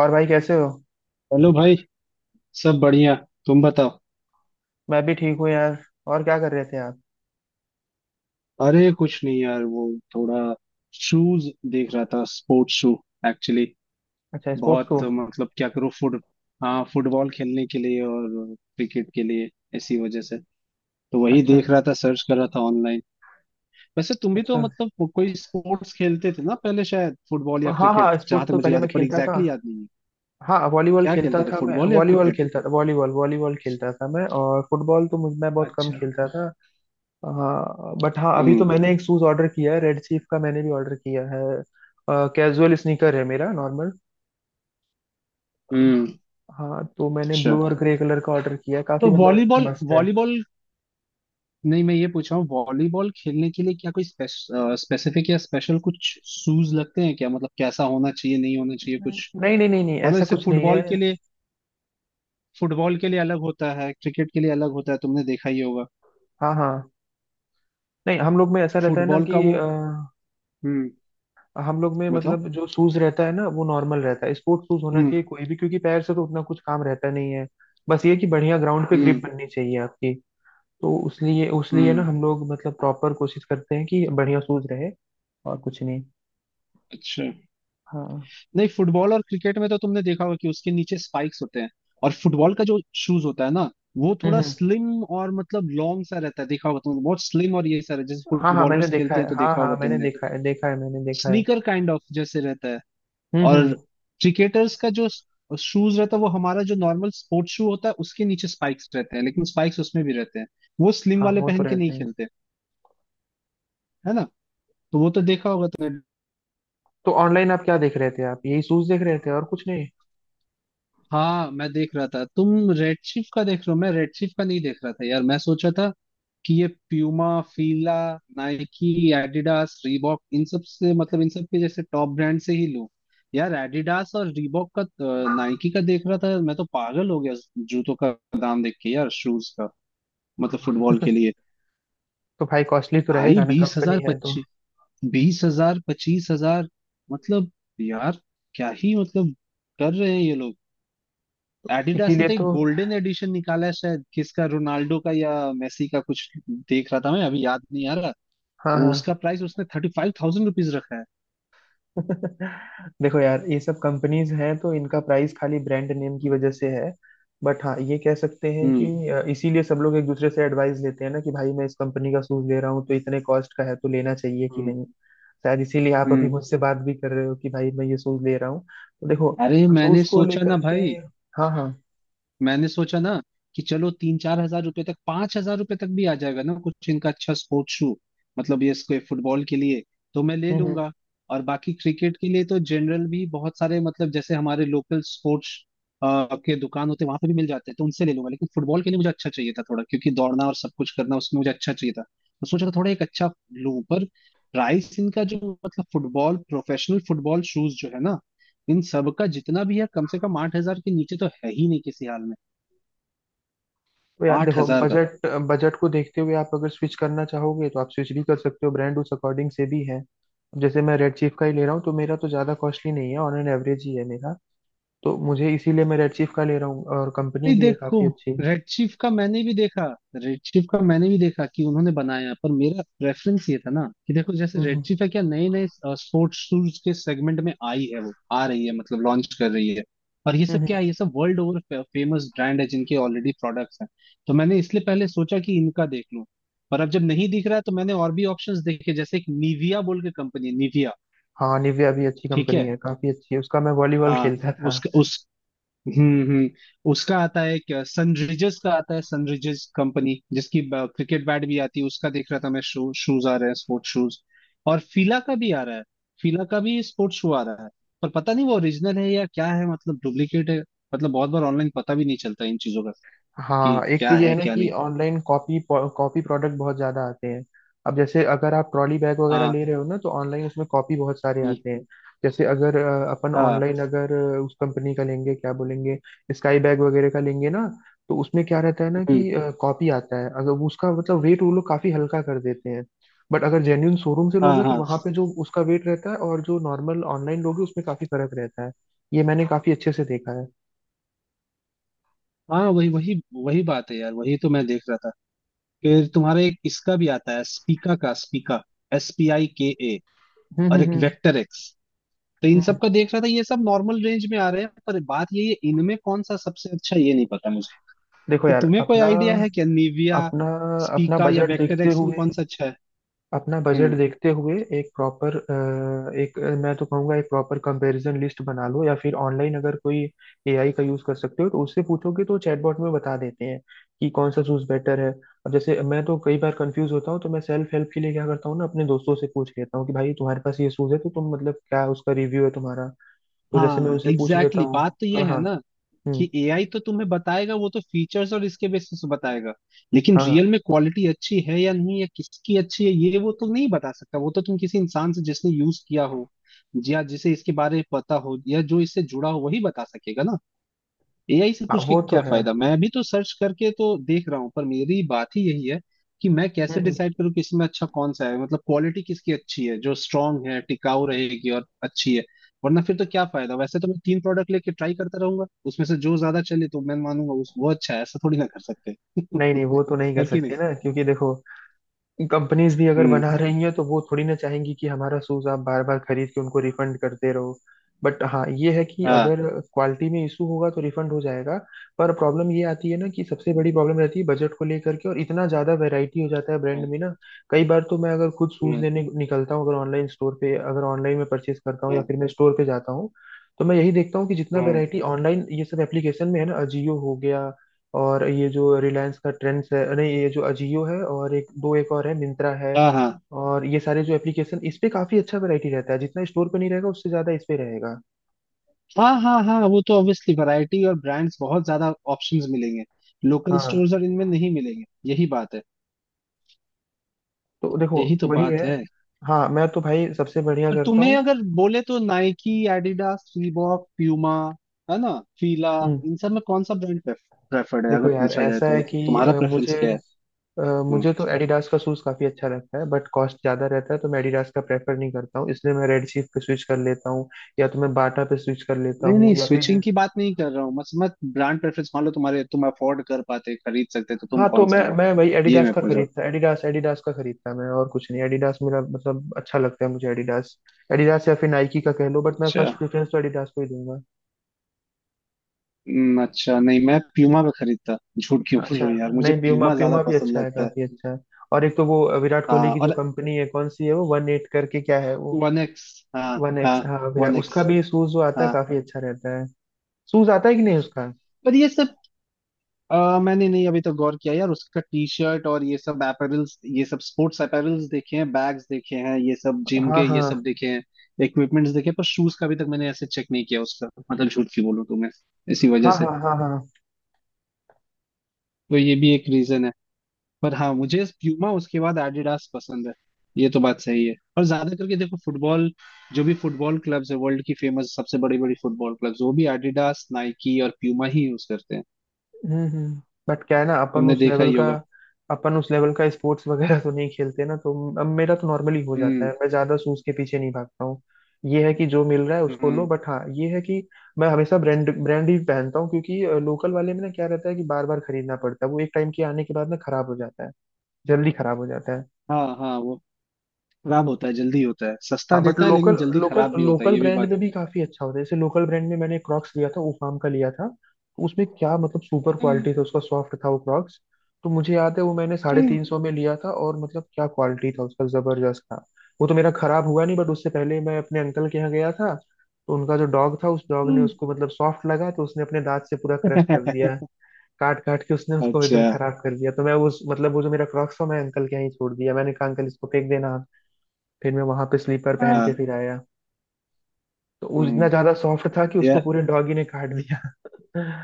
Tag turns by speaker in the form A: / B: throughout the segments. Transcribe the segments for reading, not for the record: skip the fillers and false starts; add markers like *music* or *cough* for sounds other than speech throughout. A: और भाई कैसे हो।
B: हेलो भाई। सब बढ़िया। तुम बताओ।
A: मैं भी ठीक हूँ यार। और क्या कर रहे थे आप।
B: अरे कुछ नहीं यार। वो थोड़ा शूज देख रहा था, स्पोर्ट्स शू एक्चुअली।
A: अच्छा, स्पोर्ट्स को।
B: बहुत मतलब क्या करूँ फुट हाँ, फुटबॉल खेलने के लिए और क्रिकेट के लिए, इसी वजह से। तो वही
A: अच्छा।
B: देख रहा था, सर्च कर रहा था ऑनलाइन। वैसे तुम भी तो
A: अच्छा।
B: मतलब कोई स्पोर्ट्स खेलते थे ना पहले, शायद फुटबॉल या
A: हाँ
B: क्रिकेट,
A: हाँ,
B: जहां
A: स्पोर्ट्स
B: तक
A: तो
B: मुझे
A: पहले
B: याद
A: मैं
B: है, पर
A: खेलता था।
B: एग्जैक्टली याद नहीं है।
A: हाँ, वॉलीबॉल
B: क्या
A: खेलता
B: खेलते थे,
A: था मैं,
B: फुटबॉल या
A: वॉलीबॉल
B: क्रिकेट?
A: खेलता था, वॉलीबॉल वॉलीबॉल खेलता था मैं। और फुटबॉल तो मुझ मैं बहुत कम
B: अच्छा।
A: खेलता था। हाँ बट हाँ, अभी तो
B: हम्म।
A: मैंने एक शूज ऑर्डर किया है, रेड चीफ का मैंने भी ऑर्डर किया है। कैजुअल स्नीकर है मेरा, नॉर्मल।
B: हम्म।
A: हाँ तो मैंने
B: अच्छा।
A: ब्लू और ग्रे कलर का ऑर्डर किया है, काफी
B: तो
A: मतलब
B: वॉलीबॉल
A: मस्त है।
B: वॉलीबॉल। नहीं, मैं ये पूछ रहा हूँ, वॉलीबॉल खेलने के लिए क्या कोई स्पेसिफिक या स्पेशल कुछ शूज लगते हैं क्या? मतलब कैसा होना चाहिए, नहीं होना चाहिए कुछ।
A: नहीं नहीं नहीं नहीं,
B: मतलब
A: ऐसा
B: जैसे
A: कुछ नहीं है।
B: फुटबॉल के लिए, फुटबॉल के लिए अलग होता है, क्रिकेट के लिए अलग होता है, तुमने देखा ही होगा।
A: हाँ हाँ। नहीं, हम लोग में ऐसा रहता है ना
B: फुटबॉल
A: कि
B: का वो। हम्म।
A: हम लोग में
B: बताओ।
A: मतलब जो शूज रहता है ना वो नॉर्मल रहता है, स्पोर्ट्स शूज होना
B: हम्म।
A: चाहिए कोई भी, क्योंकि पैर से तो उतना कुछ काम रहता नहीं है। बस ये कि बढ़िया ग्राउंड पे ग्रिप
B: हम्म।
A: बननी चाहिए आपकी। तो उसलिए उसलिए ना
B: हम्म।
A: हम लोग मतलब प्रॉपर कोशिश करते हैं कि बढ़िया शूज रहे। और कुछ नहीं।
B: अच्छा।
A: हाँ।
B: नहीं, फुटबॉल और क्रिकेट में तो तुमने देखा होगा कि उसके नीचे स्पाइक्स होते हैं। और फुटबॉल का जो शूज होता है ना, वो
A: हम्म
B: थोड़ा
A: हम्म।
B: स्लिम और मतलब लॉन्ग सा रहता है, देखा होगा तुमने। बहुत स्लिम, और ये सारा जैसे
A: हाँ हाँ मैंने
B: फुटबॉलर्स
A: देखा
B: खेलते हैं,
A: है,
B: तो
A: हाँ
B: देखा होगा
A: हाँ मैंने
B: तुमने।
A: देखा है, देखा है, मैंने देखा है।
B: स्नीकर काइंड ऑफ जैसे रहता है। और
A: हम्म।
B: क्रिकेटर्स का जो शूज रहता है, वो हमारा जो नॉर्मल स्पोर्ट्स शू होता है उसके नीचे स्पाइक्स रहते हैं, लेकिन स्पाइक्स उसमें भी रहते हैं। वो स्लिम
A: हाँ,
B: वाले
A: वो तो
B: पहन के नहीं
A: रहते हैं।
B: खेलते, है ना। तो वो तो देखा होगा तुमने।
A: तो ऑनलाइन आप क्या देख रहे थे, आप यही शूज देख रहे थे और कुछ नहीं।
B: हाँ मैं देख रहा था, तुम रेड शिफ्ट का देख रहे हो, मैं रेड शिफ्ट का नहीं देख रहा था यार। मैं सोचा था कि ये Puma, Fila, Nike, Adidas, Reebok, इन सब से मतलब इन सब के जैसे टॉप ब्रांड से ही लूं। यार एडिडास और रीबॉक का, नाइकी का देख रहा था, मैं तो पागल हो गया जूतों का दाम देख के। यार शूज का मतलब फुटबॉल के लिए।
A: तो भाई कॉस्टली तो
B: भाई
A: रहेगा ना,
B: बीस
A: कंपनी
B: हजार
A: है तो।
B: 25, 20,000 25,000, मतलब यार क्या ही मतलब कर रहे हैं ये लोग। एडिडास ने
A: इसीलिए
B: तो एक
A: तो।
B: गोल्डन एडिशन निकाला है, शायद किसका, रोनाल्डो का या मेसी का कुछ, देख रहा था मैं, अभी याद नहीं आ रहा।
A: हाँ
B: वो
A: हाँ।
B: उसका प्राइस उसने 35,000 रुपीज रखा है।
A: *laughs* देखो यार, ये सब कंपनीज हैं तो इनका प्राइस खाली ब्रांड नेम की वजह से है। बट हाँ, ये कह सकते हैं कि
B: हम्म।
A: इसीलिए सब लोग एक दूसरे से एडवाइस लेते हैं ना कि भाई मैं इस कंपनी का शूज ले रहा हूँ तो इतने कॉस्ट का है तो लेना चाहिए कि
B: हम्म।
A: नहीं। शायद इसीलिए आप अभी
B: हम्म।
A: मुझसे बात भी कर रहे हो कि भाई मैं ये शूज ले रहा हूँ। तो देखो,
B: अरे मैंने
A: शूज को
B: सोचा ना
A: लेकर के।
B: भाई,
A: हाँ हाँ।
B: मैंने सोचा ना कि चलो 3 4 हजार रुपए तक, 5,000 रुपए तक भी आ जाएगा ना कुछ इनका अच्छा स्पोर्ट्स शू, मतलब ये इसको फुटबॉल के लिए तो मैं ले
A: हम्म।
B: लूंगा। और बाकी क्रिकेट के लिए तो जनरल भी बहुत सारे, मतलब जैसे हमारे लोकल स्पोर्ट्स के दुकान होते हैं, वहां पे भी मिल जाते हैं, तो उनसे ले लूंगा। लेकिन फुटबॉल के लिए मुझे अच्छा चाहिए था थोड़ा, क्योंकि दौड़ना और सब कुछ करना उसमें, मुझे अच्छा चाहिए था, तो सोचा था थोड़ा एक अच्छा लूं। पर प्राइस इनका जो, मतलब फुटबॉल, प्रोफेशनल फुटबॉल शूज जो है ना, इन सब का जितना भी है, कम से कम 8,000 के नीचे तो है ही नहीं किसी हाल में।
A: तो यार
B: आठ
A: देखो,
B: हजार का।
A: बजट बजट को देखते हुए आप अगर स्विच करना चाहोगे तो आप स्विच भी कर सकते हो, ब्रांड उस अकॉर्डिंग से भी है। अब जैसे मैं रेड चीफ का ही ले रहा हूँ तो मेरा तो ज़्यादा कॉस्टली नहीं है, ऑन एन एवरेज ही है मेरा। तो मुझे इसीलिए मैं रेड चीफ का ले रहा हूँ, और कंपनी
B: नहीं
A: भी है
B: देखो,
A: काफ़ी अच्छी।
B: रेड चीफ का मैंने भी देखा, रेड चीफ का मैंने भी देखा कि उन्होंने बनाया, पर मेरा प्रेफरेंस ये था ना कि देखो, जैसे
A: हम्म
B: रेड
A: हम्म
B: चीफ है क्या, नए नए स्पोर्ट्स शूज के सेगमेंट में आई है, वो आ रही है मतलब लॉन्च कर रही है। और ये
A: हम्म,
B: सब
A: हम्म।
B: क्या है, ये सब वर्ल्ड ओवर फेमस ब्रांड है जिनके ऑलरेडी प्रोडक्ट्स हैं। तो मैंने इसलिए पहले सोचा कि इनका देख लूं। पर अब जब नहीं दिख रहा है, तो मैंने और भी ऑप्शंस देखे, जैसे एक निविया बोल के कंपनी है, निविया।
A: हाँ, निविया भी अच्छी
B: ठीक
A: कंपनी
B: है।
A: है, काफ़ी अच्छी है उसका, मैं वॉलीबॉल
B: हाँ।
A: खेलता था।
B: उसका उस। हम्म। हम्म। उसका आता है क्या, सनरिजर्स का आता है, सनरिजर्स कंपनी जिसकी क्रिकेट बैट भी आती है, उसका देख रहा था मैं, शूज आ रहे हैं, स्पोर्ट्स शूज। और फीला का भी आ रहा है। फीला का भी स्पोर्ट्स शू आ रहा है। पर पता नहीं वो ओरिजिनल है या क्या है, मतलब डुप्लीकेट है, मतलब बहुत बार ऑनलाइन पता भी नहीं चलता इन चीजों का कि
A: हाँ, एक तो
B: क्या
A: ये है
B: है
A: ना
B: क्या
A: कि
B: नहीं।
A: ऑनलाइन कॉपी कॉपी प्रोडक्ट बहुत ज्यादा आते हैं। अब जैसे अगर आप ट्रॉली बैग वगैरह
B: हाँ।
A: ले रहे हो ना, तो ऑनलाइन उसमें कॉपी बहुत सारे
B: हम्म।
A: आते हैं। जैसे अगर अपन
B: हाँ।
A: ऑनलाइन अगर उस कंपनी का लेंगे, क्या बोलेंगे, स्काई बैग वगैरह का लेंगे ना, तो उसमें क्या रहता है ना
B: हम्म।
A: कि कॉपी आता है, अगर वो उसका मतलब वेट वो लोग काफी हल्का कर देते हैं। बट अगर जेन्यून शोरूम से
B: हाँ
A: लोगे तो
B: हाँ
A: वहां पे जो उसका वेट रहता है और जो नॉर्मल ऑनलाइन लोगे उसमें काफी फर्क रहता है। ये मैंने काफी अच्छे से देखा है।
B: हाँ वही वही। वही बात है यार, वही तो मैं देख रहा था। फिर तुम्हारे एक इसका भी आता है, स्पीका, का Spika, S P I K A.
A: हम्म।
B: और एक वेक्टर एक्स। तो इन
A: हम्म।
B: सब का देख रहा था, ये सब नॉर्मल रेंज में आ रहे हैं, पर बात ये है इनमें कौन सा सबसे अच्छा ये नहीं पता मुझे।
A: देखो
B: तो
A: यार,
B: तुम्हें कोई
A: अपना
B: आइडिया है क्या, निविया,
A: अपना अपना
B: स्पीका या
A: बजट
B: वेक्टर
A: देखते
B: एक्स में
A: हुए
B: कौन सा अच्छा है?
A: अपना बजट
B: हम्म।
A: देखते हुए एक प्रॉपर एक अ, मैं तो कहूँगा एक प्रॉपर कंपैरिजन लिस्ट बना लो, या फिर ऑनलाइन अगर कोई एआई का यूज़ कर सकते हो तो उससे पूछोगे तो चैटबॉट में बता देते हैं कि कौन सा शूज़ बेटर है। अब जैसे मैं तो कई बार कंफ्यूज होता हूँ तो मैं सेल्फ हेल्प के लिए क्या करता हूँ ना, अपने दोस्तों से पूछ लेता हूँ कि भाई तुम्हारे पास ये शूज़ है तो तुम मतलब क्या उसका रिव्यू है तुम्हारा। तो जैसे मैं
B: हाँ
A: उनसे पूछ
B: एग्जैक्टली,
A: लेता
B: exactly।
A: हूँ।
B: बात तो ये
A: हाँ
B: है
A: हाँ।
B: ना
A: हम्म।
B: कि एआई तो तुम्हें बताएगा, वो तो फीचर्स और इसके बेसिस पे बताएगा, लेकिन
A: हाँ हाँ।
B: रियल में क्वालिटी अच्छी है या नहीं, या किसकी अच्छी है, ये वो तो नहीं बता सकता। वो तो तुम किसी इंसान से, जिसने यूज किया हो, या जिसे इसके बारे में पता हो, या जो इससे जुड़ा हो, वही बता सकेगा ना। एआई से
A: हाँ,
B: पूछ के
A: वो तो
B: क्या
A: है।
B: फायदा। मैं भी तो सर्च करके तो देख रहा हूँ, पर मेरी बात ही यही है कि मैं
A: हम्म
B: कैसे
A: हम्म।
B: डिसाइड करूँ कि इसमें अच्छा कौन सा है, मतलब क्वालिटी किसकी अच्छी है जो स्ट्रांग है, टिकाऊ रहेगी और अच्छी है। वरना फिर तो क्या फायदा। वैसे तो मैं तीन प्रोडक्ट लेके ट्राई करता रहूंगा, उसमें से जो ज्यादा चले तो मैं मानूंगा उस वो अच्छा है, ऐसा थोड़ी ना कर सकते।
A: नहीं नहीं, वो तो नहीं कर
B: है कि नहीं।
A: सकते ना, क्योंकि देखो, कंपनीज भी अगर
B: हम्म।
A: बना रही हैं तो वो थोड़ी ना चाहेंगी कि हमारा शूज आप बार बार खरीद के उनको रिफंड करते रहो। बट हाँ ये है कि
B: हाँ।
A: अगर क्वालिटी में इशू होगा तो रिफंड हो जाएगा। पर प्रॉब्लम ये आती है ना कि सबसे बड़ी प्रॉब्लम रहती है बजट को लेकर के, और इतना ज्यादा वैरायटी हो जाता है ब्रांड
B: हम्म।
A: में ना। कई बार तो मैं अगर खुद शूज
B: हम्म।
A: लेने निकलता हूँ, अगर ऑनलाइन स्टोर पे, अगर ऑनलाइन में परचेज करता हूँ या
B: हम्म।
A: फिर मैं स्टोर पे जाता हूँ, तो मैं यही देखता हूँ कि जितना
B: हम्म।
A: वैरायटी ऑनलाइन ये सब एप्लीकेशन में है ना, अजियो हो गया, और ये जो रिलायंस का ट्रेंड्स है, नहीं, ये जो अजियो है और एक दो, एक और है, मिंत्रा है,
B: हाँ हाँ
A: और ये सारे जो एप्लीकेशन इस पे काफी अच्छा वैरायटी रहता है, जितना स्टोर पे नहीं रहेगा उससे ज्यादा इस पे रहेगा।
B: हाँ हाँ। हाँ वो तो ऑब्वियसली वैरायटी और ब्रांड्स, बहुत ज्यादा ऑप्शंस मिलेंगे, लोकल
A: हाँ।
B: स्टोर्स और इनमें नहीं मिलेंगे। यही बात है।
A: तो देखो,
B: यही तो
A: वही है।
B: बात है।
A: हाँ, मैं तो भाई सबसे बढ़िया
B: और
A: करता हूँ।
B: तुम्हें अगर बोले तो नाइकी, एडिडास, रीबॉक, प्यूमा, है ना, फीला,
A: हम्म।
B: इन सब में कौन सा ब्रांड प्रेफर्ड है अगर
A: देखो यार,
B: पूछा जाए
A: ऐसा
B: तो,
A: है कि
B: मतलब तुम्हारा
A: मुझे
B: प्रेफरेंस क्या है?
A: अ,
B: हम्म।
A: मुझे तो एडिडास का शूज काफी अच्छा लगता है, बट कॉस्ट ज्यादा रहता है तो मैं एडिडास का प्रेफर नहीं करता हूँ, इसलिए मैं रेड चीफ पे स्विच कर लेता हूँ, या तो मैं बाटा पे स्विच कर लेता
B: नहीं नहीं,
A: हूँ, या फिर
B: स्विचिंग की बात नहीं कर रहा हूँ। मत मत ब्रांड प्रेफरेंस मान लो तुम्हारे, तुम अफोर्ड कर पाते, खरीद सकते, तो तुम
A: हाँ, तो
B: कौन
A: मैं
B: सा लेते?
A: मैं वही
B: ये
A: एडिडास
B: मैं
A: का
B: पूछा।
A: खरीदता, एडिडास एडिडास का खरीदता मैं, और कुछ नहीं, एडिडास मेरा मतलब अच्छा लगता है, मुझे एडिडास, एडिडास या फिर नाइकी का कह लो, बट मैं
B: अच्छा।
A: फर्स्ट प्रेफरेंस तो एडिडास को ही दूंगा।
B: हम्म। अच्छा, नहीं मैं प्यूमा पे खरीदता, झूठ क्यों बोल
A: अच्छा।
B: रहा हूँ यार, मुझे
A: नहीं, प्यूमा
B: प्यूमा ज्यादा
A: प्यूमा भी
B: पसंद
A: अच्छा है,
B: लगता है।
A: काफी अच्छा है। और एक तो वो विराट कोहली
B: हाँ
A: की जो
B: और
A: कंपनी है, कौन सी है वो, वन एट करके क्या है वो,
B: वन एक्स। हाँ।
A: वन
B: हाँ
A: एक्स, हाँ विराट,
B: वन एक्स।
A: उसका भी शूज जो आता है
B: हाँ।
A: काफी अच्छा रहता है, शूज आता है कि नहीं उसका।
B: पर ये सब मैंने नहीं अभी तक गौर किया यार, उसका टी शर्ट और ये सब अपैरल्स, ये सब स्पोर्ट्स अपैरल्स देखे हैं, बैग्स देखे हैं, ये सब जिम
A: हाँ
B: के
A: हाँ
B: ये सब देखे हैं, इक्विपमेंट्स देखे हैं, पर शूज का अभी तक मैंने ऐसे चेक नहीं किया उसका, मतलब झूठ की बोलूं तो मैं, इसी वजह
A: हाँ
B: से,
A: हाँ हाँ हाँ।
B: तो ये भी एक रीजन है। पर हाँ, मुझे प्यूमा, उसके बाद एडिडास पसंद है। ये तो बात सही है। और ज्यादा करके देखो फुटबॉल, जो भी फुटबॉल क्लब्स है वर्ल्ड की फेमस, सबसे बड़ी बड़ी फुटबॉल क्लब्स, वो भी एडिडास, नाइकी और प्यूमा ही यूज करते हैं।
A: हम्म। बट क्या है ना, अपन
B: तुमने
A: उस
B: देखा
A: लेवल
B: ही
A: का
B: होगा।
A: अपन उस लेवल का स्पोर्ट्स वगैरह तो नहीं खेलते ना, तो अब मेरा तो नॉर्मली हो जाता है,
B: हम्म।
A: मैं ज्यादा सूज के पीछे नहीं भागता हूँ। ये है कि जो मिल रहा है उसको लो,
B: हम्म।
A: बट हाँ ये है कि मैं हमेशा ब्रांड ब्रांड ही पहनता हूँ, क्योंकि लोकल वाले में ना क्या रहता है कि बार बार खरीदना पड़ता है, वो एक टाइम के आने के बाद ना खराब हो जाता है, जल्दी खराब हो जाता है।
B: हाँ हाँ। वो खराब होता है जल्दी, होता है सस्ता,
A: हाँ बट
B: देता है लेकिन
A: लोकल
B: जल्दी
A: लोकल
B: खराब भी होता है,
A: लोकल
B: ये भी
A: ब्रांड
B: बात
A: में
B: है।
A: भी काफी अच्छा होता है, जैसे लोकल ब्रांड में मैंने क्रॉक्स लिया था उफाम का, लिया था तो उसमें क्या मतलब सुपर
B: हम्म।
A: क्वालिटी था, उसका सॉफ्ट था वो क्रॉक्स। तो मुझे याद है वो मैंने साढ़े
B: हम्म।
A: तीन सौ में लिया था और मतलब क्या क्वालिटी था उसका, जबरदस्त था। वो तो मेरा खराब हुआ नहीं, बट उससे पहले मैं अपने अंकल के यहाँ गया था, तो उनका जो डॉग था, उस डॉग ने
B: हम्म।
A: उसको मतलब सॉफ्ट लगा तो उसने अपने दांत से पूरा क्रश कर दिया,
B: *laughs*
A: काट काट के उसने उसको
B: अच्छा।
A: एकदम खराब कर दिया, तो मैं उस मतलब वो जो मेरा क्रॉक्स था मैं अंकल के यहाँ ही छोड़ दिया, मैंने कहा अंकल इसको फेंक देना आप।" फिर मैं वहां पे स्लीपर पहन के
B: हाँ।
A: फिर आया। तो वो
B: हम्म।
A: इतना ज्यादा सॉफ्ट था कि
B: या।
A: उसको पूरे डॉगी ने काट दिया। *laughs*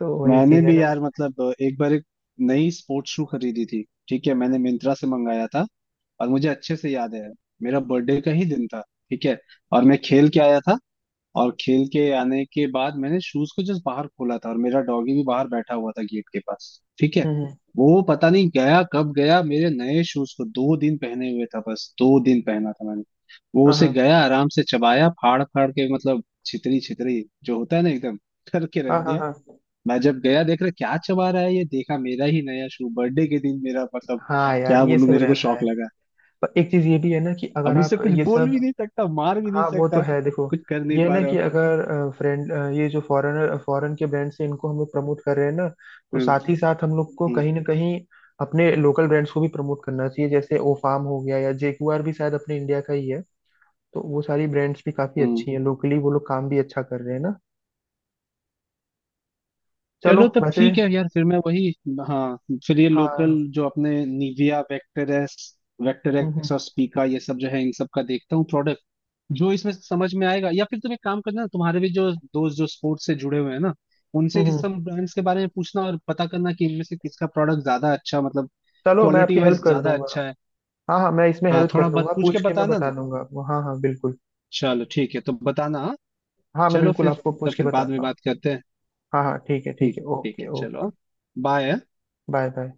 A: तो वही
B: मैंने
A: चीज है
B: भी
A: ना।
B: यार, मतलब एक बार एक नई स्पोर्ट्स शू खरीदी थी, ठीक है, मैंने मिंत्रा से मंगाया था, और मुझे अच्छे से याद है, मेरा बर्थडे का ही दिन था, ठीक है, और मैं खेल के आया था, और खेल के आने के बाद मैंने शूज को जस्ट बाहर खोला था, और मेरा डॉगी भी बाहर बैठा हुआ था गेट के पास, ठीक है।
A: हम्म।
B: वो पता नहीं गया कब गया, मेरे नए शूज को 2 दिन पहने हुए था, बस 2 दिन पहना था मैंने। वो
A: हाँ
B: उसे
A: हाँ
B: गया आराम से चबाया, फाड़ फाड़ के, मतलब छितरी छितरी जो होता है ना, एकदम करके रख
A: हाँ हाँ
B: दिया।
A: हाँ।
B: मैं जब गया, देख रहा क्या चबा रहा है, ये देखा मेरा ही नया शू, बर्थडे के दिन मेरा, मतलब
A: हाँ यार,
B: क्या
A: ये
B: बोलूं,
A: सब
B: मेरे को
A: रहता
B: शौक
A: है।
B: लगा।
A: पर एक चीज ये भी है ना कि अगर
B: अब
A: आप
B: उससे कुछ
A: ये
B: बोल भी
A: सब,
B: नहीं सकता, मार भी नहीं
A: हाँ वो तो
B: सकता,
A: है, देखो,
B: कुछ कर नहीं
A: ये है
B: पा
A: ना
B: रहा
A: कि
B: हूँ।
A: अगर फ्रेंड, ये जो फॉरेन के ब्रांड से इनको हम लोग प्रमोट कर रहे हैं ना, तो
B: हम्म।
A: साथ ही साथ हम लोग को
B: हम्म।
A: कहीं ना कहीं अपने लोकल ब्रांड्स को भी प्रमोट करना चाहिए, जैसे ओ फार्म हो गया, या जेगुआर भी शायद अपने इंडिया का ही है, तो वो सारी ब्रांड्स भी काफी
B: हम्म।
A: अच्छी हैं लोकली, वो लोग काम भी अच्छा कर रहे हैं ना। चलो
B: चलो तब
A: वैसे।
B: ठीक है यार, फिर मैं वही। हाँ। फिर ये लोकल
A: हाँ।
B: जो अपने निविया, वेक्टरेस,
A: हम्म
B: वेक्टरेक्स और स्पीका, ये सब जो है, इन सब का देखता हूँ प्रोडक्ट, जो इसमें समझ में आएगा। या फिर तुम एक काम करना, तुम्हारे भी जो दोस्त जो स्पोर्ट्स से जुड़े हुए हैं ना, उनसे इस
A: हम्म।
B: सब ब्रांड्स के बारे में पूछना और पता करना कि इनमें से किसका प्रोडक्ट ज्यादा अच्छा, मतलब
A: चलो मैं
B: क्वालिटी
A: आपकी हेल्प
B: वाइज
A: कर
B: ज्यादा
A: दूंगा।
B: अच्छा है।
A: हाँ हाँ मैं इसमें
B: हाँ
A: हेल्प
B: थोड़ा
A: कर
B: बात
A: दूंगा,
B: पूछ के
A: पूछ के मैं
B: बताना
A: बता
B: ना।
A: दूंगा आपको, हाँ हाँ बिल्कुल।
B: चलो ठीक है, तो बताना, हाँ?
A: हाँ मैं
B: चलो
A: बिल्कुल
B: फिर
A: आपको
B: तो
A: पूछ के
B: फिर बाद में
A: बताता हूँ।
B: बात करते हैं।
A: हाँ हाँ ठीक है ठीक
B: ठीक,
A: है,
B: ठीक
A: ओके
B: है।
A: ओके।
B: चलो। बाय।
A: Bye bye.